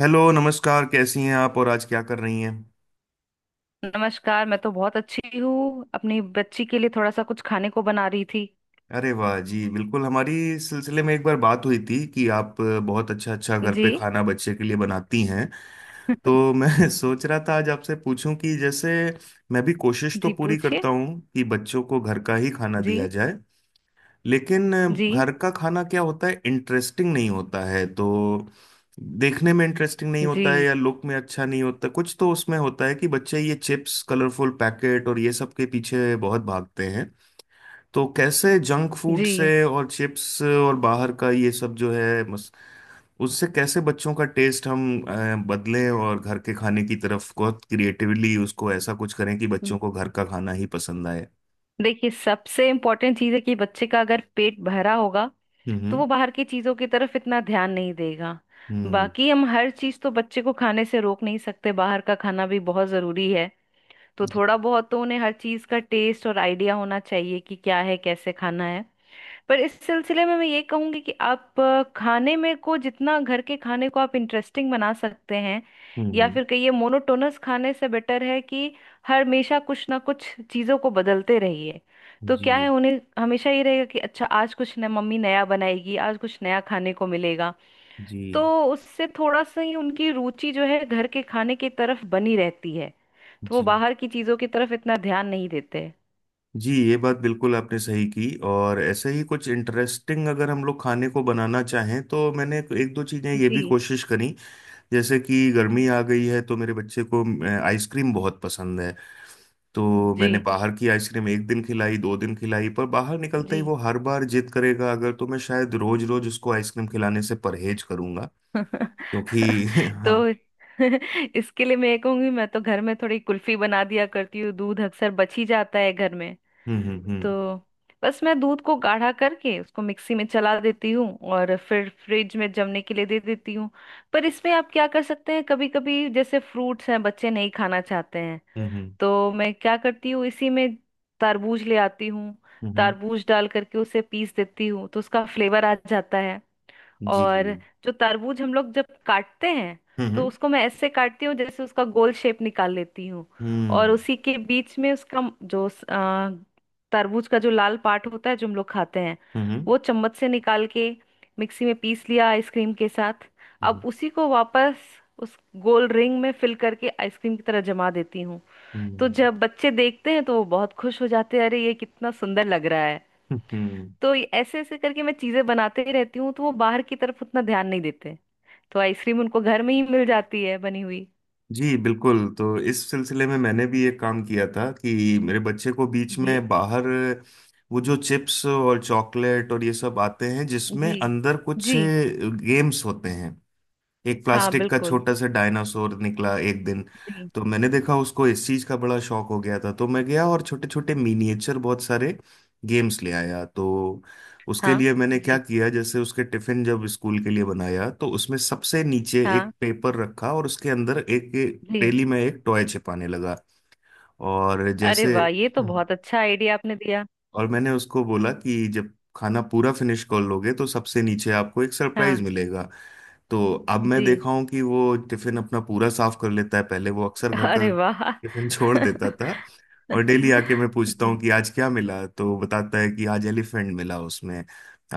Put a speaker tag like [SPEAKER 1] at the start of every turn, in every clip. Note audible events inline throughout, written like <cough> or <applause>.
[SPEAKER 1] Hello. नमस्कार। कैसी हैं आप और आज क्या कर रही हैं?
[SPEAKER 2] नमस्कार। मैं तो बहुत अच्छी हूँ, अपनी बच्ची के लिए थोड़ा सा कुछ खाने को बना रही थी।
[SPEAKER 1] अरे वाह जी, बिल्कुल। हमारी इस सिलसिले में एक बार बात हुई थी कि आप बहुत अच्छा अच्छा घर
[SPEAKER 2] जी।
[SPEAKER 1] पे खाना बच्चे के लिए बनाती हैं। तो मैं <laughs> सोच रहा था आज आपसे पूछूं कि जैसे, मैं भी कोशिश तो
[SPEAKER 2] जी,
[SPEAKER 1] पूरी
[SPEAKER 2] पूछिए।
[SPEAKER 1] करता हूँ कि बच्चों को घर का ही खाना
[SPEAKER 2] जी।
[SPEAKER 1] दिया जाए, लेकिन
[SPEAKER 2] जी।
[SPEAKER 1] घर का खाना क्या होता है, इंटरेस्टिंग नहीं होता है तो देखने में इंटरेस्टिंग नहीं
[SPEAKER 2] जी।
[SPEAKER 1] होता है या लुक में अच्छा नहीं होता। कुछ तो उसमें होता है कि बच्चे ये चिप्स, कलरफुल पैकेट और ये सब के पीछे बहुत भागते हैं। तो कैसे जंक फूड
[SPEAKER 2] जी।
[SPEAKER 1] से और चिप्स और बाहर का ये सब जो है, उससे कैसे बच्चों का टेस्ट हम बदलें और घर के खाने की तरफ बहुत क्रिएटिवली उसको ऐसा कुछ करें कि बच्चों को घर का खाना ही पसंद आए।
[SPEAKER 2] देखिए, सबसे इम्पोर्टेंट चीज़ है कि बच्चे का अगर पेट भरा होगा तो
[SPEAKER 1] हम्म,
[SPEAKER 2] वो बाहर की चीज़ों की तरफ इतना ध्यान नहीं देगा।
[SPEAKER 1] हम्म, हम्म,
[SPEAKER 2] बाकी हम हर चीज़ तो बच्चे को खाने से रोक नहीं सकते, बाहर का खाना भी बहुत ज़रूरी है। तो
[SPEAKER 1] जी,
[SPEAKER 2] थोड़ा बहुत तो उन्हें हर चीज़ का टेस्ट और आइडिया होना चाहिए कि क्या है, कैसे खाना है। पर इस सिलसिले में मैं ये कहूंगी कि आप खाने में को जितना घर के खाने को आप इंटरेस्टिंग बना सकते हैं
[SPEAKER 1] हम्म,
[SPEAKER 2] या फिर कहिए मोनोटोनस खाने से बेटर है कि हर हमेशा कुछ ना कुछ चीज़ों को बदलते रहिए। तो क्या है,
[SPEAKER 1] जी,
[SPEAKER 2] उन्हें हमेशा ये रहेगा कि अच्छा आज कुछ न मम्मी नया बनाएगी, आज कुछ नया खाने को मिलेगा। तो
[SPEAKER 1] जी,
[SPEAKER 2] उससे थोड़ा सा ही उनकी रुचि जो है घर के खाने की तरफ बनी रहती है। तो वो
[SPEAKER 1] जी,
[SPEAKER 2] बाहर की चीज़ों की तरफ इतना ध्यान नहीं देते।
[SPEAKER 1] जी। ये बात बिल्कुल आपने सही की, और ऐसे ही कुछ इंटरेस्टिंग अगर हम लोग खाने को बनाना चाहें तो मैंने एक दो चीज़ें ये भी
[SPEAKER 2] जी।
[SPEAKER 1] कोशिश करी। जैसे कि गर्मी आ गई है तो मेरे बच्चे को आइसक्रीम बहुत पसंद है। तो
[SPEAKER 2] जी।
[SPEAKER 1] मैंने बाहर की आइसक्रीम एक दिन खिलाई, 2 दिन खिलाई, पर बाहर निकलते
[SPEAKER 2] जी।
[SPEAKER 1] ही वो हर बार जिद करेगा अगर, तो मैं शायद रोज रोज उसको आइसक्रीम खिलाने से परहेज करूंगा
[SPEAKER 2] <laughs>
[SPEAKER 1] क्योंकि <laughs> हाँ।
[SPEAKER 2] तो <laughs> इसके लिए मैं ये कहूंगी, मैं तो घर में थोड़ी कुल्फी बना दिया करती हूँ, दूध अक्सर बच ही जाता है घर में।
[SPEAKER 1] हम्म,
[SPEAKER 2] तो
[SPEAKER 1] हम्म,
[SPEAKER 2] बस मैं दूध को गाढ़ा करके उसको मिक्सी में चला देती हूँ और फिर फ्रिज में जमने के लिए दे देती हूँ। पर इसमें आप क्या कर सकते हैं, कभी कभी जैसे फ्रूट्स हैं बच्चे नहीं खाना चाहते हैं,
[SPEAKER 1] हम्म, हम्म,
[SPEAKER 2] तो मैं क्या करती हूँ इसी में तरबूज ले आती हूँ।
[SPEAKER 1] हम्म,
[SPEAKER 2] तरबूज डाल करके उसे पीस देती हूँ तो उसका फ्लेवर आ जाता।
[SPEAKER 1] जी,
[SPEAKER 2] और जो तरबूज हम लोग जब काटते हैं
[SPEAKER 1] हम्म,
[SPEAKER 2] तो
[SPEAKER 1] हम्म,
[SPEAKER 2] उसको मैं ऐसे काटती हूँ जैसे उसका गोल शेप निकाल लेती हूँ। और
[SPEAKER 1] हम्म,
[SPEAKER 2] उसी के बीच में उसका तरबूज का जो लाल पार्ट होता है जो हम लोग खाते हैं
[SPEAKER 1] हम्म,
[SPEAKER 2] वो चम्मच से निकाल के मिक्सी में पीस लिया आइसक्रीम के साथ। अब
[SPEAKER 1] हम्म।
[SPEAKER 2] उसी को वापस उस गोल रिंग में फिल करके आइसक्रीम की तरह जमा देती हूँ।
[SPEAKER 1] हम्म,
[SPEAKER 2] तो जब बच्चे देखते हैं तो वो बहुत खुश हो जाते हैं, अरे ये कितना सुंदर लग रहा है।
[SPEAKER 1] हम्म।
[SPEAKER 2] तो ये ऐसे ऐसे करके मैं चीजें बनाते ही रहती हूँ तो वो बाहर की तरफ उतना ध्यान नहीं देते। तो आइसक्रीम उनको घर में ही मिल जाती है बनी हुई।
[SPEAKER 1] जी बिल्कुल। तो इस सिलसिले में मैंने भी एक काम किया था कि मेरे बच्चे को बीच
[SPEAKER 2] जी।
[SPEAKER 1] में, बाहर वो जो चिप्स और चॉकलेट और ये सब आते हैं जिसमें
[SPEAKER 2] जी।
[SPEAKER 1] अंदर कुछ
[SPEAKER 2] जी।
[SPEAKER 1] गेम्स होते हैं, एक
[SPEAKER 2] हाँ,
[SPEAKER 1] प्लास्टिक का
[SPEAKER 2] बिल्कुल।
[SPEAKER 1] छोटा सा डायनासोर निकला एक दिन।
[SPEAKER 2] जी।
[SPEAKER 1] तो मैंने देखा उसको इस चीज का बड़ा शौक हो गया था, तो मैं गया और छोटे छोटे मिनिएचर बहुत सारे गेम्स ले आया। तो उसके
[SPEAKER 2] हाँ।
[SPEAKER 1] लिए मैंने क्या
[SPEAKER 2] जी।
[SPEAKER 1] किया, जैसे उसके टिफिन जब स्कूल के लिए बनाया तो उसमें सबसे नीचे एक
[SPEAKER 2] हाँ।
[SPEAKER 1] पेपर रखा और उसके अंदर एक
[SPEAKER 2] जी।
[SPEAKER 1] थैली में एक टॉय छिपाने लगा। और
[SPEAKER 2] अरे
[SPEAKER 1] जैसे,
[SPEAKER 2] वाह, ये तो
[SPEAKER 1] हम्म।
[SPEAKER 2] बहुत अच्छा आइडिया आपने दिया।
[SPEAKER 1] और मैंने उसको बोला कि जब खाना पूरा फिनिश कर लोगे तो सबसे नीचे आपको एक सरप्राइज
[SPEAKER 2] हाँ।
[SPEAKER 1] मिलेगा। तो अब मैं
[SPEAKER 2] जी।
[SPEAKER 1] देखा हूं कि वो टिफिन अपना पूरा साफ कर लेता है, पहले वो अक्सर घर का
[SPEAKER 2] अरे वाह।
[SPEAKER 1] टिफिन <laughs> छोड़ देता था।
[SPEAKER 2] <laughs>
[SPEAKER 1] और डेली आके मैं पूछता हूँ
[SPEAKER 2] जी।
[SPEAKER 1] कि आज क्या मिला, तो वो बताता है कि आज एलिफेंट मिला उसमें,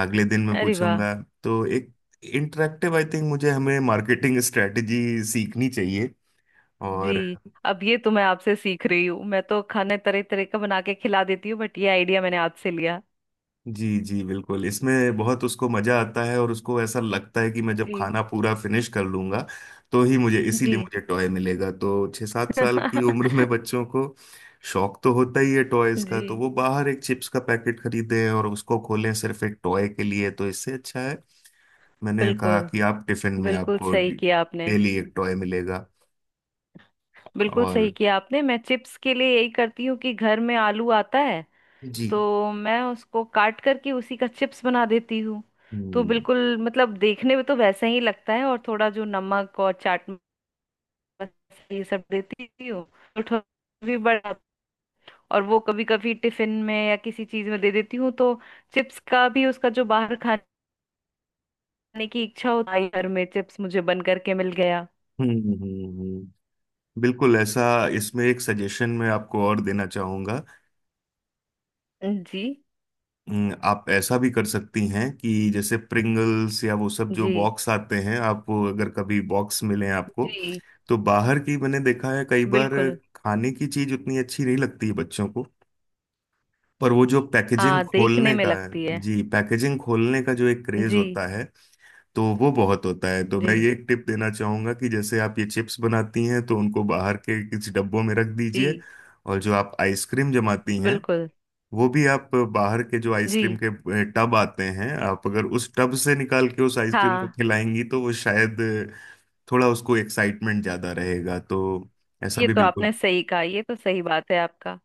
[SPEAKER 1] अगले दिन मैं
[SPEAKER 2] अरे वाह।
[SPEAKER 1] पूछूंगा। तो एक इंटरेक्टिव, आई थिंक मुझे, हमें मार्केटिंग स्ट्रेटेजी सीखनी चाहिए। और,
[SPEAKER 2] जी, अब ये तो मैं आपसे सीख रही हूँ, मैं तो खाने तरह तरह का बना के खिला देती हूँ बट ये आइडिया मैंने आपसे लिया।
[SPEAKER 1] जी, जी बिल्कुल। इसमें बहुत उसको मजा आता है, और उसको ऐसा लगता है कि मैं जब
[SPEAKER 2] जी।
[SPEAKER 1] खाना पूरा फिनिश कर लूंगा तो ही मुझे, इसीलिए
[SPEAKER 2] जी।
[SPEAKER 1] मुझे टॉय मिलेगा। तो 6-7 साल की उम्र में
[SPEAKER 2] <laughs>
[SPEAKER 1] बच्चों को शौक तो होता ही है टॉयज का, तो
[SPEAKER 2] जी,
[SPEAKER 1] वो बाहर एक चिप्स का पैकेट खरीदें और उसको खोलें सिर्फ एक टॉय के लिए, तो इससे अच्छा है मैंने कहा
[SPEAKER 2] बिल्कुल।
[SPEAKER 1] कि आप टिफिन में
[SPEAKER 2] बिल्कुल
[SPEAKER 1] आपको
[SPEAKER 2] सही किया आपने।
[SPEAKER 1] डेली एक टॉय मिलेगा।
[SPEAKER 2] बिल्कुल सही
[SPEAKER 1] और,
[SPEAKER 2] किया आपने, मैं चिप्स के लिए यही करती हूँ कि घर में आलू आता है
[SPEAKER 1] जी,
[SPEAKER 2] तो मैं उसको काट करके उसी का चिप्स बना देती हूँ। तो
[SPEAKER 1] हम्म,
[SPEAKER 2] बिल्कुल मतलब देखने में तो वैसा ही लगता है और थोड़ा जो नमक और चाट मसाला ये सब देती हूँ। तो थोड़ा भी बड़ा और वो कभी कभी टिफिन में या किसी चीज में दे देती हूँ तो चिप्स का भी उसका जो बाहर खाने की इच्छा होती है घर में चिप्स मुझे बन करके मिल गया।
[SPEAKER 1] हम्म, हम्म, बिल्कुल ऐसा। इसमें एक सजेशन मैं आपको और देना चाहूंगा।
[SPEAKER 2] जी।
[SPEAKER 1] आप ऐसा भी कर सकती हैं कि जैसे प्रिंगल्स या वो सब जो
[SPEAKER 2] जी।
[SPEAKER 1] बॉक्स आते हैं, आप वो अगर कभी बॉक्स मिले आपको,
[SPEAKER 2] जी,
[SPEAKER 1] तो बाहर की मैंने देखा है कई बार
[SPEAKER 2] बिल्कुल।
[SPEAKER 1] खाने की चीज उतनी अच्छी नहीं लगती है बच्चों को, पर वो जो पैकेजिंग
[SPEAKER 2] हाँ, देखने
[SPEAKER 1] खोलने
[SPEAKER 2] में
[SPEAKER 1] का
[SPEAKER 2] लगती
[SPEAKER 1] है,
[SPEAKER 2] है।
[SPEAKER 1] जी, पैकेजिंग खोलने का जो एक क्रेज
[SPEAKER 2] जी।
[SPEAKER 1] होता है, तो वो बहुत होता है। तो मैं
[SPEAKER 2] जी।
[SPEAKER 1] ये एक टिप देना चाहूंगा कि जैसे आप ये चिप्स बनाती हैं तो उनको बाहर के किसी डब्बों में रख
[SPEAKER 2] जी,
[SPEAKER 1] दीजिए। और जो आप आइसक्रीम जमाती हैं,
[SPEAKER 2] बिल्कुल।
[SPEAKER 1] वो भी आप बाहर के जो
[SPEAKER 2] जी।
[SPEAKER 1] आइसक्रीम के टब आते हैं, आप अगर उस टब से निकाल के उस आइसक्रीम को
[SPEAKER 2] हाँ,
[SPEAKER 1] खिलाएंगी तो वो शायद थोड़ा उसको एक्साइटमेंट ज्यादा रहेगा। तो ऐसा
[SPEAKER 2] ये
[SPEAKER 1] भी,
[SPEAKER 2] तो
[SPEAKER 1] बिल्कुल।
[SPEAKER 2] आपने सही कहा, ये तो सही बात है आपका,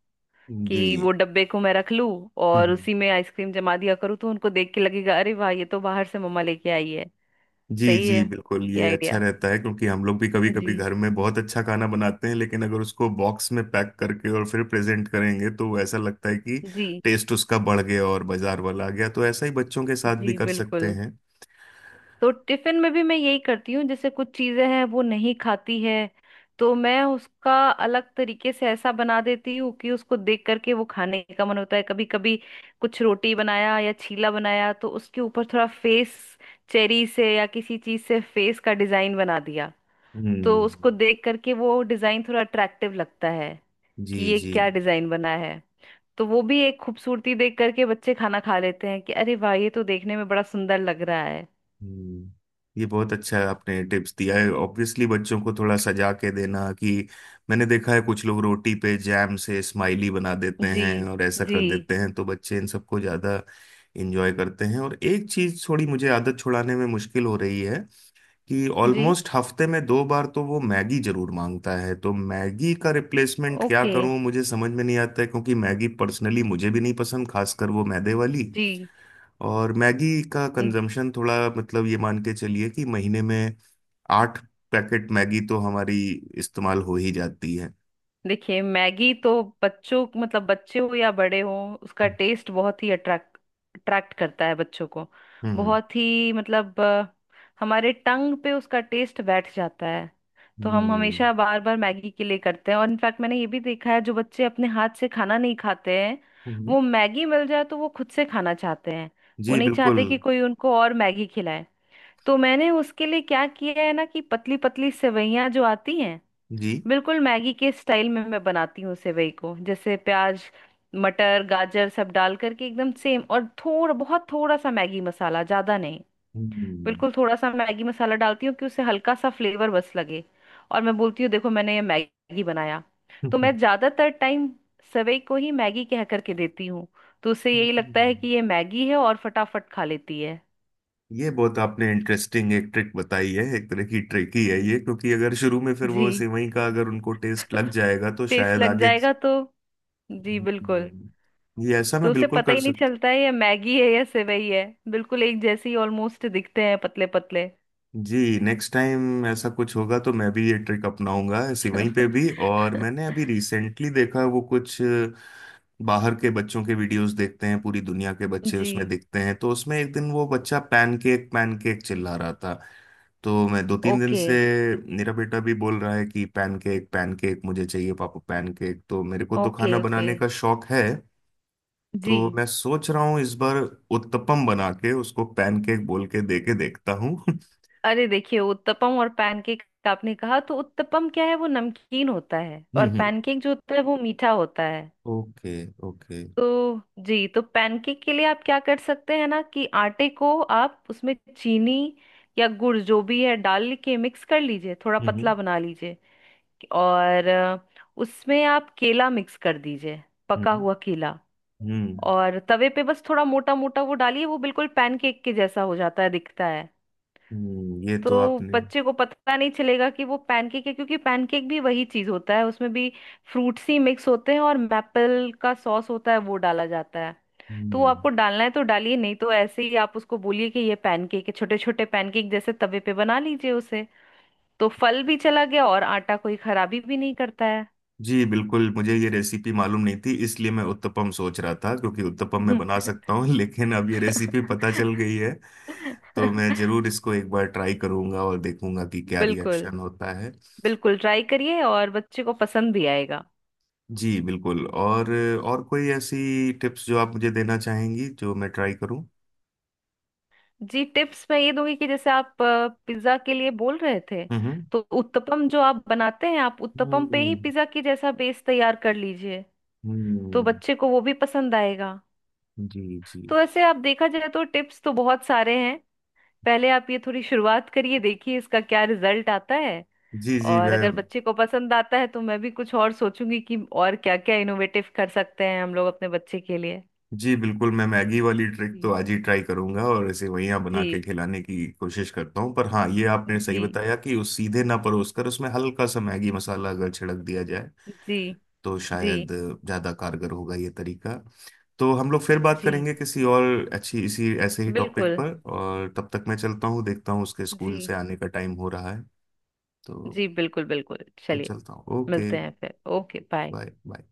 [SPEAKER 1] जी,
[SPEAKER 2] कि वो डब्बे को मैं रख लूं और
[SPEAKER 1] हम्म,
[SPEAKER 2] उसी में आइसक्रीम जमा दिया करूँ तो उनको देख के लगेगा अरे वाह ये तो बाहर से मम्मा लेके आई है।
[SPEAKER 1] जी,
[SPEAKER 2] सही
[SPEAKER 1] जी
[SPEAKER 2] है
[SPEAKER 1] बिल्कुल,
[SPEAKER 2] ये
[SPEAKER 1] ये अच्छा
[SPEAKER 2] आइडिया।
[SPEAKER 1] रहता है क्योंकि हम लोग भी कभी कभी
[SPEAKER 2] जी।
[SPEAKER 1] घर में बहुत अच्छा खाना बनाते हैं, लेकिन अगर उसको बॉक्स में पैक करके और फिर प्रेजेंट करेंगे तो ऐसा लगता है कि
[SPEAKER 2] जी।
[SPEAKER 1] टेस्ट उसका बढ़ गया और बाजार वाला आ गया। तो ऐसा ही बच्चों के साथ भी
[SPEAKER 2] जी,
[SPEAKER 1] कर सकते
[SPEAKER 2] बिल्कुल।
[SPEAKER 1] हैं।
[SPEAKER 2] तो टिफिन में भी मैं यही करती हूँ, जैसे कुछ चीजें हैं वो नहीं खाती है तो मैं उसका अलग तरीके से ऐसा बना देती हूँ कि उसको देख करके वो खाने का मन होता है। कभी कभी कुछ रोटी बनाया या चीला बनाया तो उसके ऊपर थोड़ा फेस, चेरी से या किसी चीज से फेस का डिजाइन बना दिया, तो
[SPEAKER 1] हम्म,
[SPEAKER 2] उसको देख करके वो डिजाइन थोड़ा अट्रैक्टिव लगता है
[SPEAKER 1] जी,
[SPEAKER 2] कि ये
[SPEAKER 1] जी,
[SPEAKER 2] क्या डिजाइन बना है। तो वो भी एक खूबसूरती देख करके बच्चे खाना खा लेते हैं कि अरे वाह ये तो देखने में बड़ा सुंदर लग रहा है।
[SPEAKER 1] हम्म। ये बहुत अच्छा आपने टिप्स दिया है। ऑब्वियसली बच्चों को थोड़ा सजा के देना कि, मैंने देखा है कुछ लोग रोटी पे जैम से स्माइली बना देते
[SPEAKER 2] जी।
[SPEAKER 1] हैं और ऐसा
[SPEAKER 2] जी।
[SPEAKER 1] कर देते हैं, तो बच्चे इन सबको ज़्यादा इंजॉय करते हैं। और एक चीज़ थोड़ी मुझे आदत छुड़ाने में मुश्किल हो रही है, कि
[SPEAKER 2] जी।
[SPEAKER 1] ऑलमोस्ट हफ्ते में दो बार तो वो मैगी जरूर मांगता है। तो मैगी का रिप्लेसमेंट क्या
[SPEAKER 2] ओके।
[SPEAKER 1] करूं, मुझे समझ में नहीं आता है, क्योंकि मैगी पर्सनली मुझे भी नहीं पसंद, खासकर वो मैदे वाली।
[SPEAKER 2] जी।
[SPEAKER 1] और मैगी का
[SPEAKER 2] न-
[SPEAKER 1] कंजम्पशन थोड़ा, मतलब, ये मान के चलिए कि महीने में आठ पैकेट मैगी तो हमारी इस्तेमाल हो ही जाती है।
[SPEAKER 2] देखिए, मैगी तो बच्चों मतलब बच्चे हो या बड़े हो उसका टेस्ट बहुत ही अट्रैक्ट अट्रैक्ट करता है बच्चों को।
[SPEAKER 1] हम्म,
[SPEAKER 2] बहुत ही मतलब हमारे टंग पे उसका टेस्ट बैठ जाता है। तो हम
[SPEAKER 1] हम्म,
[SPEAKER 2] हमेशा बार बार मैगी के लिए करते हैं और इनफैक्ट मैंने ये भी देखा है जो बच्चे अपने हाथ से खाना नहीं खाते हैं
[SPEAKER 1] हम्म,
[SPEAKER 2] वो मैगी मिल जाए तो वो खुद से खाना चाहते हैं। वो
[SPEAKER 1] जी
[SPEAKER 2] नहीं
[SPEAKER 1] बिल्कुल,
[SPEAKER 2] चाहते कि कोई उनको और मैगी खिलाए। तो मैंने उसके लिए क्या किया है ना कि पतली पतली सेवइयां जो आती हैं
[SPEAKER 1] जी,
[SPEAKER 2] बिल्कुल मैगी के स्टाइल में मैं बनाती हूँ सेवई को, जैसे प्याज मटर गाजर सब डाल करके एकदम सेम, और थोड़ा बहुत थोड़ा सा मैगी मसाला, ज्यादा नहीं,
[SPEAKER 1] हम्म,
[SPEAKER 2] बिल्कुल थोड़ा सा मैगी मसाला डालती हूँ कि उससे हल्का सा फ्लेवर बस लगे। और मैं बोलती हूँ देखो मैंने ये मैगी बनाया। तो मैं
[SPEAKER 1] <laughs>
[SPEAKER 2] ज्यादातर टाइम सेवई को ही मैगी कह करके देती हूँ। तो उससे यही लगता है
[SPEAKER 1] हम्म।
[SPEAKER 2] कि ये मैगी है और फटाफट खा लेती है।
[SPEAKER 1] ये बहुत आपने इंटरेस्टिंग एक ट्रिक बताई है। एक तरह की ट्रिक ही है ये, क्योंकि अगर शुरू में फिर
[SPEAKER 2] जी।
[SPEAKER 1] वो सेवई का अगर उनको टेस्ट लग
[SPEAKER 2] <laughs>
[SPEAKER 1] जाएगा तो
[SPEAKER 2] टेस्ट
[SPEAKER 1] शायद
[SPEAKER 2] लग
[SPEAKER 1] आगे।
[SPEAKER 2] जाएगा तो। जी, बिल्कुल।
[SPEAKER 1] हम्म, ये ऐसा
[SPEAKER 2] तो
[SPEAKER 1] मैं
[SPEAKER 2] उसे
[SPEAKER 1] बिल्कुल
[SPEAKER 2] पता
[SPEAKER 1] कर
[SPEAKER 2] ही नहीं
[SPEAKER 1] सकता।
[SPEAKER 2] चलता है ये मैगी है या सेवई है। बिल्कुल एक जैसे ही ऑलमोस्ट दिखते हैं पतले पतले।
[SPEAKER 1] जी, नेक्स्ट टाइम ऐसा कुछ होगा तो मैं भी ये ट्रिक अपनाऊंगा सिवई पे भी। और मैंने
[SPEAKER 2] <laughs>
[SPEAKER 1] अभी रिसेंटली देखा वो कुछ बाहर के बच्चों के वीडियोस देखते हैं, पूरी दुनिया के बच्चे
[SPEAKER 2] जी।
[SPEAKER 1] उसमें दिखते हैं, तो उसमें एक दिन वो बच्चा पैनकेक पैनकेक चिल्ला रहा था। तो मैं 2-3 दिन
[SPEAKER 2] ओके
[SPEAKER 1] से, मेरा बेटा भी बोल रहा है कि पैनकेक पैनकेक मुझे चाहिए पापा, पैनकेक। तो मेरे को तो खाना
[SPEAKER 2] ओके। ओके।
[SPEAKER 1] बनाने का शौक है,
[SPEAKER 2] जी।
[SPEAKER 1] तो मैं सोच रहा हूँ इस बार उत्तपम बना के उसको पैनकेक बोल के दे के देखता हूँ।
[SPEAKER 2] अरे देखिए, उत्तपम और पैनकेक आपने कहा, तो उत्तपम क्या है वो नमकीन होता है और
[SPEAKER 1] <laughs>
[SPEAKER 2] पैनकेक जो होता है वो मीठा होता है।
[SPEAKER 1] ओके, ओके,
[SPEAKER 2] तो जी, तो पैनकेक के लिए आप क्या कर सकते हैं ना कि आटे को आप उसमें चीनी या गुड़ जो भी है डाल के मिक्स कर लीजिए, थोड़ा
[SPEAKER 1] हम्म,
[SPEAKER 2] पतला बना लीजिए और उसमें आप केला मिक्स कर दीजिए, पका
[SPEAKER 1] हम्म,
[SPEAKER 2] हुआ केला,
[SPEAKER 1] हम्म,
[SPEAKER 2] और तवे पे बस थोड़ा मोटा मोटा वो डालिए, वो बिल्कुल पैनकेक के जैसा हो जाता है, दिखता है।
[SPEAKER 1] ये तो
[SPEAKER 2] तो
[SPEAKER 1] आपने,
[SPEAKER 2] बच्चे को पता नहीं चलेगा कि वो पैनकेक है, क्योंकि पैनकेक भी वही चीज होता है, उसमें भी फ्रूट्स ही मिक्स होते हैं और मैपल का सॉस होता है वो डाला जाता है। तो वो
[SPEAKER 1] हम्म,
[SPEAKER 2] आपको डालना है तो डालिए नहीं तो ऐसे ही आप उसको बोलिए कि ये पैनकेक है, छोटे छोटे पैनकेक जैसे तवे पे बना लीजिए उसे। तो फल भी चला गया और आटा कोई खराबी भी नहीं करता
[SPEAKER 1] जी बिल्कुल। मुझे ये रेसिपी मालूम नहीं थी, इसलिए मैं उत्तपम सोच रहा था, क्योंकि उत्तपम मैं
[SPEAKER 2] है।
[SPEAKER 1] बना
[SPEAKER 2] <laughs>
[SPEAKER 1] सकता हूँ <laughs> लेकिन अब ये रेसिपी पता चल गई है। तो मैं जरूर
[SPEAKER 2] <laughs>
[SPEAKER 1] इसको एक बार ट्राई करूंगा और देखूंगा कि क्या
[SPEAKER 2] बिल्कुल।
[SPEAKER 1] रिएक्शन होता है।
[SPEAKER 2] बिल्कुल ट्राई करिए और बच्चे को पसंद भी आएगा।
[SPEAKER 1] जी बिल्कुल, और कोई ऐसी टिप्स जो आप मुझे देना चाहेंगी जो मैं ट्राई करूं?
[SPEAKER 2] जी, टिप्स मैं ये दूंगी कि जैसे आप पिज्जा के लिए बोल रहे थे,
[SPEAKER 1] हम्म,
[SPEAKER 2] तो उत्तपम जो आप बनाते हैं आप उत्तपम पे ही
[SPEAKER 1] हम्म,
[SPEAKER 2] पिज्जा की जैसा बेस तैयार कर लीजिए।
[SPEAKER 1] हम्म,
[SPEAKER 2] तो बच्चे को वो भी पसंद आएगा।
[SPEAKER 1] जी, जी,
[SPEAKER 2] तो ऐसे आप देखा जाए तो टिप्स तो बहुत सारे हैं। पहले आप ये थोड़ी शुरुआत करिए, देखिए इसका क्या रिजल्ट आता है,
[SPEAKER 1] जी, जी,
[SPEAKER 2] और
[SPEAKER 1] मैं,
[SPEAKER 2] अगर बच्चे को पसंद आता है तो मैं भी कुछ और सोचूंगी कि और क्या क्या इनोवेटिव कर सकते हैं हम लोग अपने बच्चे के लिए।
[SPEAKER 1] जी बिल्कुल, मैं मैगी वाली ट्रिक तो
[SPEAKER 2] जी।
[SPEAKER 1] आज ही ट्राई करूंगा और इसे वही यहाँ बना
[SPEAKER 2] जी।
[SPEAKER 1] के खिलाने की कोशिश करता हूँ। पर हाँ, ये आपने सही
[SPEAKER 2] जी।
[SPEAKER 1] बताया कि उस सीधे ना परोस कर उसमें हल्का सा मैगी मसाला अगर छिड़क दिया जाए
[SPEAKER 2] जी।
[SPEAKER 1] तो
[SPEAKER 2] जी।
[SPEAKER 1] शायद ज़्यादा कारगर होगा ये तरीका। तो हम लोग फिर बात
[SPEAKER 2] जी,
[SPEAKER 1] करेंगे किसी और अच्छी, इसी ऐसे ही टॉपिक
[SPEAKER 2] बिल्कुल।
[SPEAKER 1] पर। और तब तक मैं चलता हूँ, देखता हूँ उसके
[SPEAKER 2] जी।
[SPEAKER 1] स्कूल से आने का टाइम हो रहा है, तो
[SPEAKER 2] जी, बिल्कुल बिल्कुल
[SPEAKER 1] तो
[SPEAKER 2] चलिए।
[SPEAKER 1] चलता हूँ। ओके,
[SPEAKER 2] मिलते हैं फिर, ओके बाय।
[SPEAKER 1] Bye bye.